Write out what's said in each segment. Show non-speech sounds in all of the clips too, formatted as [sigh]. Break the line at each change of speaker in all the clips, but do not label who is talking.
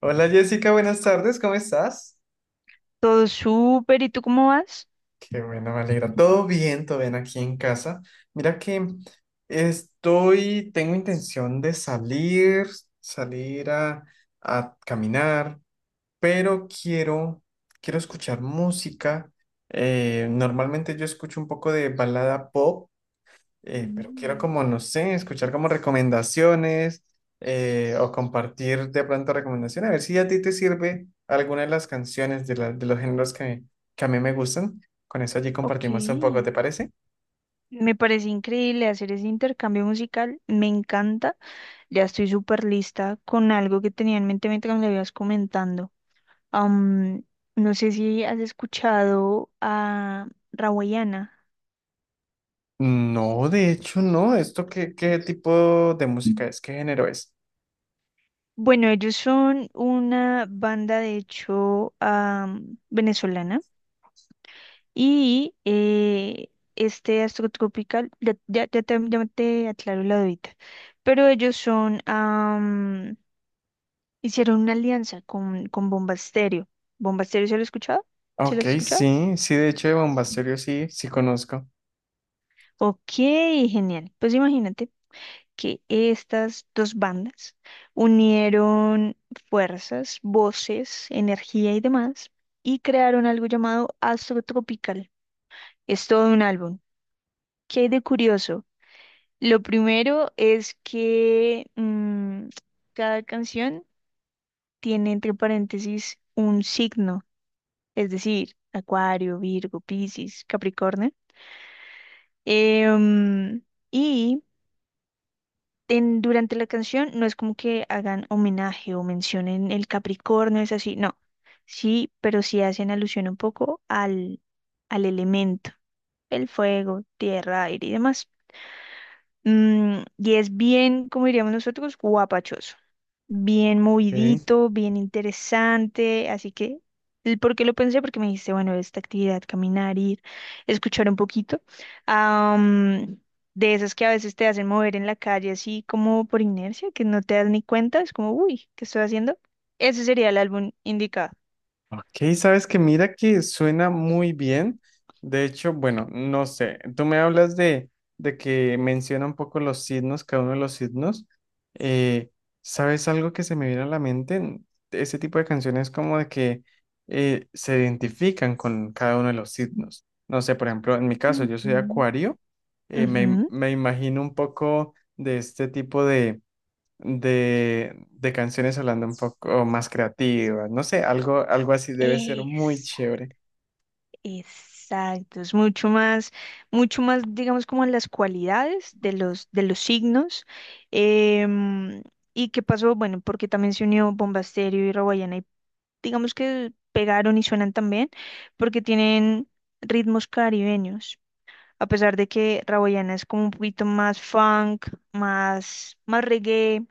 Hola Jessica, buenas tardes, ¿cómo estás?
Todo súper, ¿y tú cómo vas?
Qué bueno, me alegra. Todo bien aquí en casa. Mira que estoy, tengo intención de salir a caminar, pero quiero escuchar música. Normalmente yo escucho un poco de balada pop, pero quiero
Mm,
como, no sé, escuchar como recomendaciones, o compartir de pronto recomendaciones, a ver si a ti te sirve alguna de las canciones de los géneros que a mí me gustan. Con eso allí compartimos un poco,
ok.
¿te parece?
Me parece increíble hacer ese intercambio musical, me encanta. Ya estoy súper lista con algo que tenía en mente mientras me lo ibas comentando. Am, no sé si has escuchado a Rawayana.
No, de hecho no. ¿Esto qué, qué tipo de música es? ¿Qué género es?
Bueno, ellos son una banda, de hecho, venezolana. Y este astrotropical, ya te aclaro la dudita, pero ellos son, hicieron una alianza con Bomba Estéreo. ¿Bomba Estéreo se lo has escuchado? ¿Se lo
Ok,
has escuchado?
sí, sí, de hecho de Bombasterio sí, sí conozco.
Ok, genial. Pues imagínate que estas dos bandas unieron fuerzas, voces, energía y demás y crearon algo llamado Astro Tropical. Es todo un álbum. ¿Qué hay de curioso? Lo primero es que mm, cada canción tiene entre paréntesis un signo, es decir, Acuario, Virgo, Piscis, Capricornio. Em, y durante la canción no es como que hagan homenaje o mencionen el Capricornio, es así, no. Sí, pero sí hacen alusión un poco al elemento, el fuego, tierra, aire y demás. Y es bien, como diríamos nosotros, guapachoso. Bien
Ok.
movidito, bien interesante. Así que, el ¿por qué lo pensé? Porque me dijiste, bueno, esta actividad, caminar, ir, escuchar un poquito. am, de esas que a veces te hacen mover en la calle, así como por inercia, que no te das ni cuenta, es como, uy, ¿qué estoy haciendo? Ese sería el álbum indicado.
Ok, sabes que mira que suena muy bien. De hecho, bueno, no sé, tú me hablas de que menciona un poco los signos, cada uno de los signos. Eh, ¿Sabes algo que se me viene a la mente? Ese tipo de canciones como de que se identifican con cada uno de los signos. No sé, por ejemplo, en mi caso, yo soy
Ujú,
acuario. eh,
ujú.
me, me imagino un poco de este tipo de canciones hablando un poco más creativas, no sé, algo, algo así debe ser muy
Exacto.
chévere.
Exacto, es mucho más, digamos, como en las cualidades de los signos. Em, ¿Y qué pasó? Bueno, porque también se unió Bomba Estéreo y Rawayana y digamos que pegaron y suenan también porque tienen ritmos caribeños. A pesar de que Rawayana es como un poquito más funk, más reggae,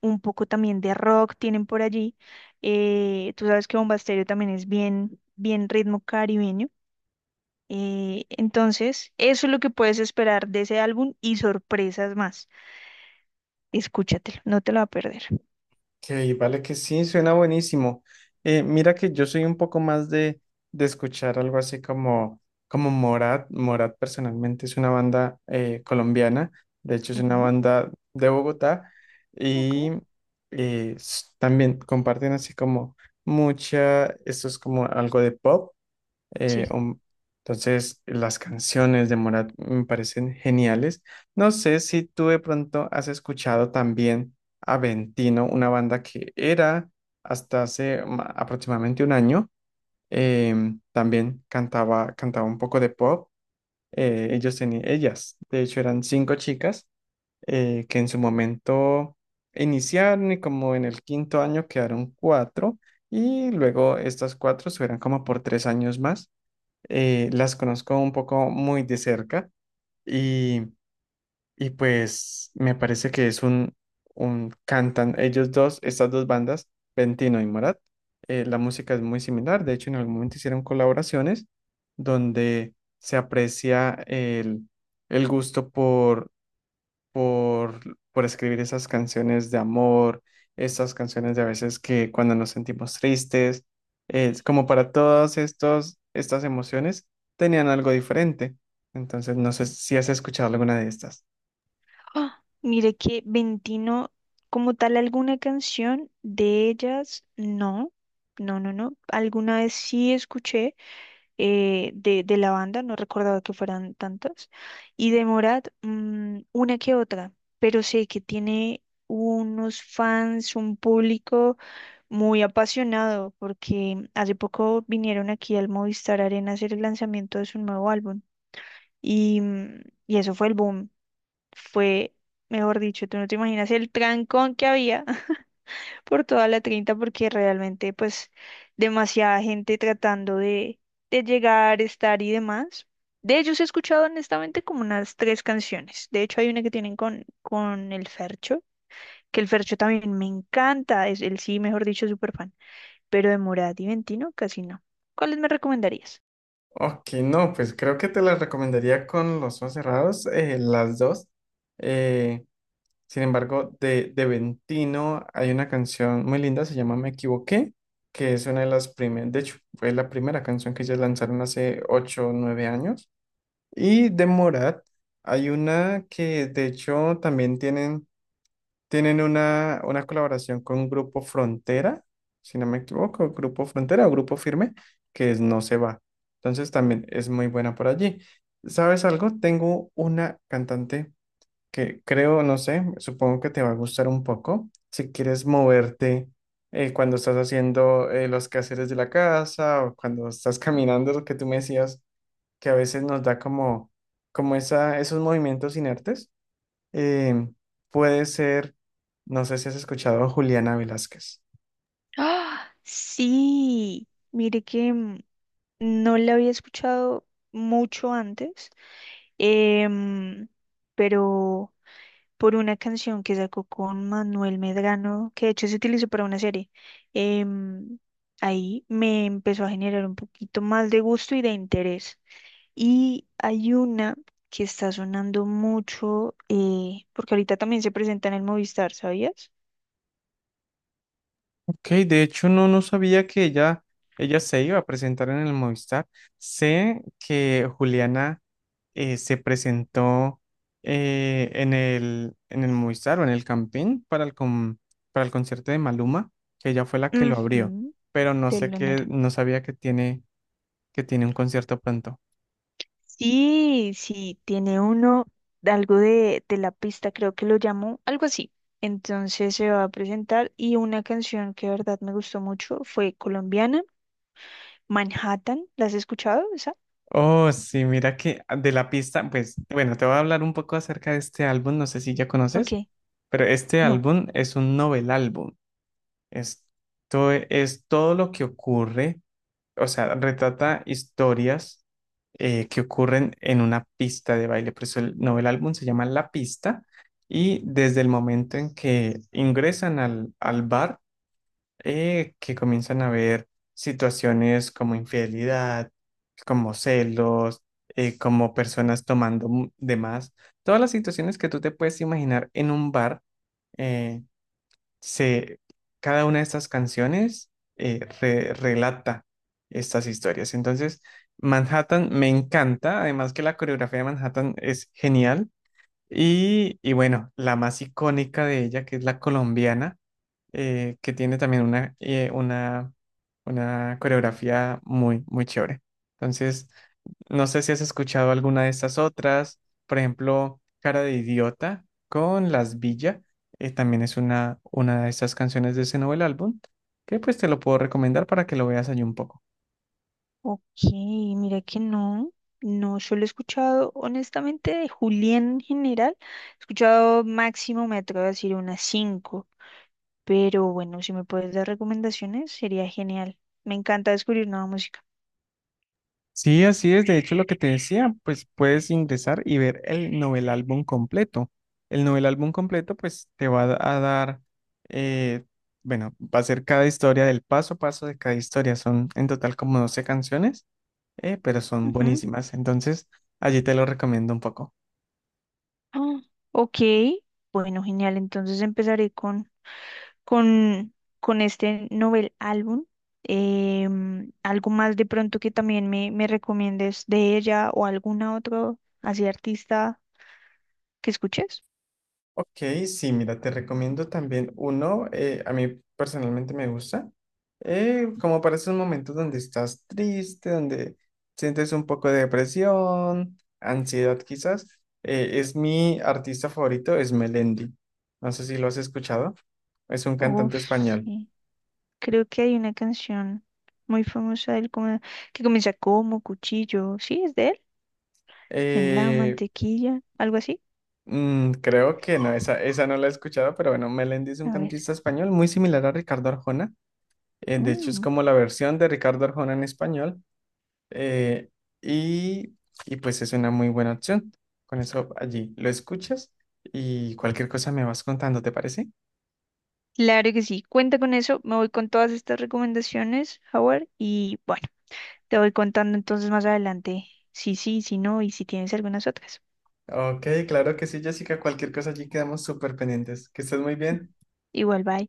un poco también de rock tienen por allí. Tú sabes que Bomba Estéreo también es bien, bien ritmo caribeño. Entonces, eso es lo que puedes esperar de ese álbum y sorpresas más. Escúchatelo, no te lo va a perder.
Que vale que sí, suena buenísimo. Mira que yo soy un poco más de escuchar algo así como, como Morat. Morat personalmente es una banda colombiana, de hecho es una
Ujú.
banda de Bogotá
Ok.
y también comparten así como mucha, esto es como algo de pop. Eh,
Sí.
um, entonces, las canciones de Morat me parecen geniales. No sé si tú de pronto has escuchado también a Ventino, una banda que era hasta hace aproximadamente un año. También cantaba un poco de pop. Ellas, de hecho, eran cinco chicas, que en su momento iniciaron y como en el quinto año quedaron cuatro y luego estas cuatro subieron como por 3 años más, las conozco un poco muy de cerca, y, y pues me parece que es un cantan ellos dos, estas dos bandas, Ventino y Morat. La música es muy similar, de hecho en algún momento hicieron colaboraciones donde se aprecia el gusto por, por escribir esas canciones de amor, esas canciones de a veces que cuando nos sentimos tristes, es como para todas estos estas emociones tenían algo diferente. Entonces, no sé si has escuchado alguna de estas.
¡Ah! Mire que Ventino, como tal, alguna canción de ellas, no. No, no, no. Alguna vez sí escuché de la banda, no recordaba que fueran tantas. Y de Morat, una que otra, pero sé que tiene unos fans, un público muy apasionado porque hace poco vinieron aquí al Movistar Arena a hacer el lanzamiento de su nuevo álbum y, mm, y eso fue el boom. Fue, mejor dicho, tú no te imaginas el trancón que había [laughs] por toda la 30 porque realmente pues demasiada gente tratando de llegar, estar y demás. De ellos he escuchado honestamente como unas tres canciones. De hecho, hay una que tienen con el Fercho, que el Fercho también me encanta. Es, él sí, mejor dicho, súper fan pero de morada y ventino casi no. ¿Cuáles me recomendarías?
Ok, no, pues creo que te las recomendaría con los ojos cerrados, las dos. Eh, Sin embargo, de Ventino hay una canción muy linda, se llama Me Equivoqué, que es una de las primeras, de hecho, fue la primera canción que ellos lanzaron hace ocho o 9 años. Y de Morat hay una que de hecho también tienen una colaboración con Grupo Frontera, si no me equivoco, Grupo Frontera o Grupo Firme, que es No se va. Entonces también es muy buena por allí. ¿Sabes algo? Tengo una cantante que creo, no sé, supongo que te va a gustar un poco. Si quieres moverte cuando estás haciendo los quehaceres de la casa o cuando estás [laughs] caminando, lo que tú me decías, que a veces nos da como esos movimientos inertes, eh, puede ser, no sé si has escuchado a Juliana Velázquez.
¡Ah! Sí, mire que no la había escuchado mucho antes, em, pero por una canción que sacó con Manuel Medrano, que de hecho se utilizó para una serie. Em, ahí me empezó a generar un poquito más de gusto y de interés. Y hay una que está sonando mucho, porque ahorita también se presenta en el Movistar, ¿sabías?
Ok, de hecho no, no sabía que ella se iba a presentar en el Movistar. Sé que Juliana se presentó en el Movistar o en el Campín para el concierto de Maluma, que ella fue la que lo abrió,
Ujú,
pero no sé qué,
telonera.
no sabía que tiene un concierto pronto.
Sí, sí, tiene uno de algo de la pista, creo que lo llamó, algo así. Entonces se va a presentar y una canción que de verdad me gustó mucho fue colombiana, Manhattan. ¿La has escuchado esa?
Oh, sí, mira que de la pista, pues bueno, te voy a hablar un poco acerca de este álbum, no sé si ya
Ok,
conoces, pero este
no.
álbum es un novel álbum. Esto es todo lo que ocurre, o sea, retrata historias que ocurren en una pista de baile. Por eso novel álbum se llama La Pista y desde el momento en que ingresan al bar, que comienzan a ver situaciones como infidelidad, como celos, como personas tomando de más, todas las situaciones que tú te puedes imaginar en un bar, eh, se, cada una de estas canciones relata estas historias. Entonces, Manhattan me encanta, además que la coreografía de Manhattan es genial. Y bueno, la más icónica de ella, que es la colombiana, que tiene también una coreografía muy, muy chévere. Entonces, no sé si has escuchado alguna de estas otras, por ejemplo, Cara de Idiota con Las Villa, también es una de esas canciones de ese nuevo álbum, que pues te lo puedo recomendar para que lo veas allí un poco.
Ok, mira que no, no solo he escuchado, honestamente, de Julián en general. He escuchado máximo, me atrevo a decir, unas cinco. Pero bueno, si me puedes dar recomendaciones, sería genial. Me encanta descubrir nueva música.
Sí, así es, de hecho lo que te decía, pues puedes ingresar y ver el novel álbum completo. El novel álbum completo pues te va a dar, eh, bueno, va a ser cada historia del paso a paso de cada historia, son en total como 12 canciones, pero son buenísimas. Entonces, allí te lo recomiendo un poco.
Ah, ok, bueno, genial. Entonces empezaré con, con este novel álbum. Algo más de pronto que también me recomiendes de ella o alguna otra así artista que escuches.
Ok, sí, mira, te recomiendo también uno, a mí personalmente me gusta, como para esos momentos donde estás triste, donde sientes un poco de depresión, ansiedad quizás, es mi artista favorito, es Melendi. No sé si lo has escuchado, es un cantante
Uf,
español.
sí. Creo que hay una canción muy famosa de él que comienza como cuchillo. Sí, es de él. En la
Eh,
mantequilla, algo así.
creo que no, esa no la he escuchado, pero bueno, Melendi es un
A ver.
cantista español muy similar a Ricardo Arjona. De hecho, es
Mm.
como la versión de Ricardo Arjona en español. eh, y, y pues es una muy buena opción. Con eso allí lo escuchas y cualquier cosa me vas contando, ¿te parece?
Claro que sí, cuenta con eso, me voy con todas estas recomendaciones, Howard, y bueno, te voy contando entonces más adelante si sí, si no y si tienes algunas otras.
Ok, claro que sí, Jessica. Cualquier cosa allí quedamos súper pendientes. Que estés muy bien.
Igual, bye.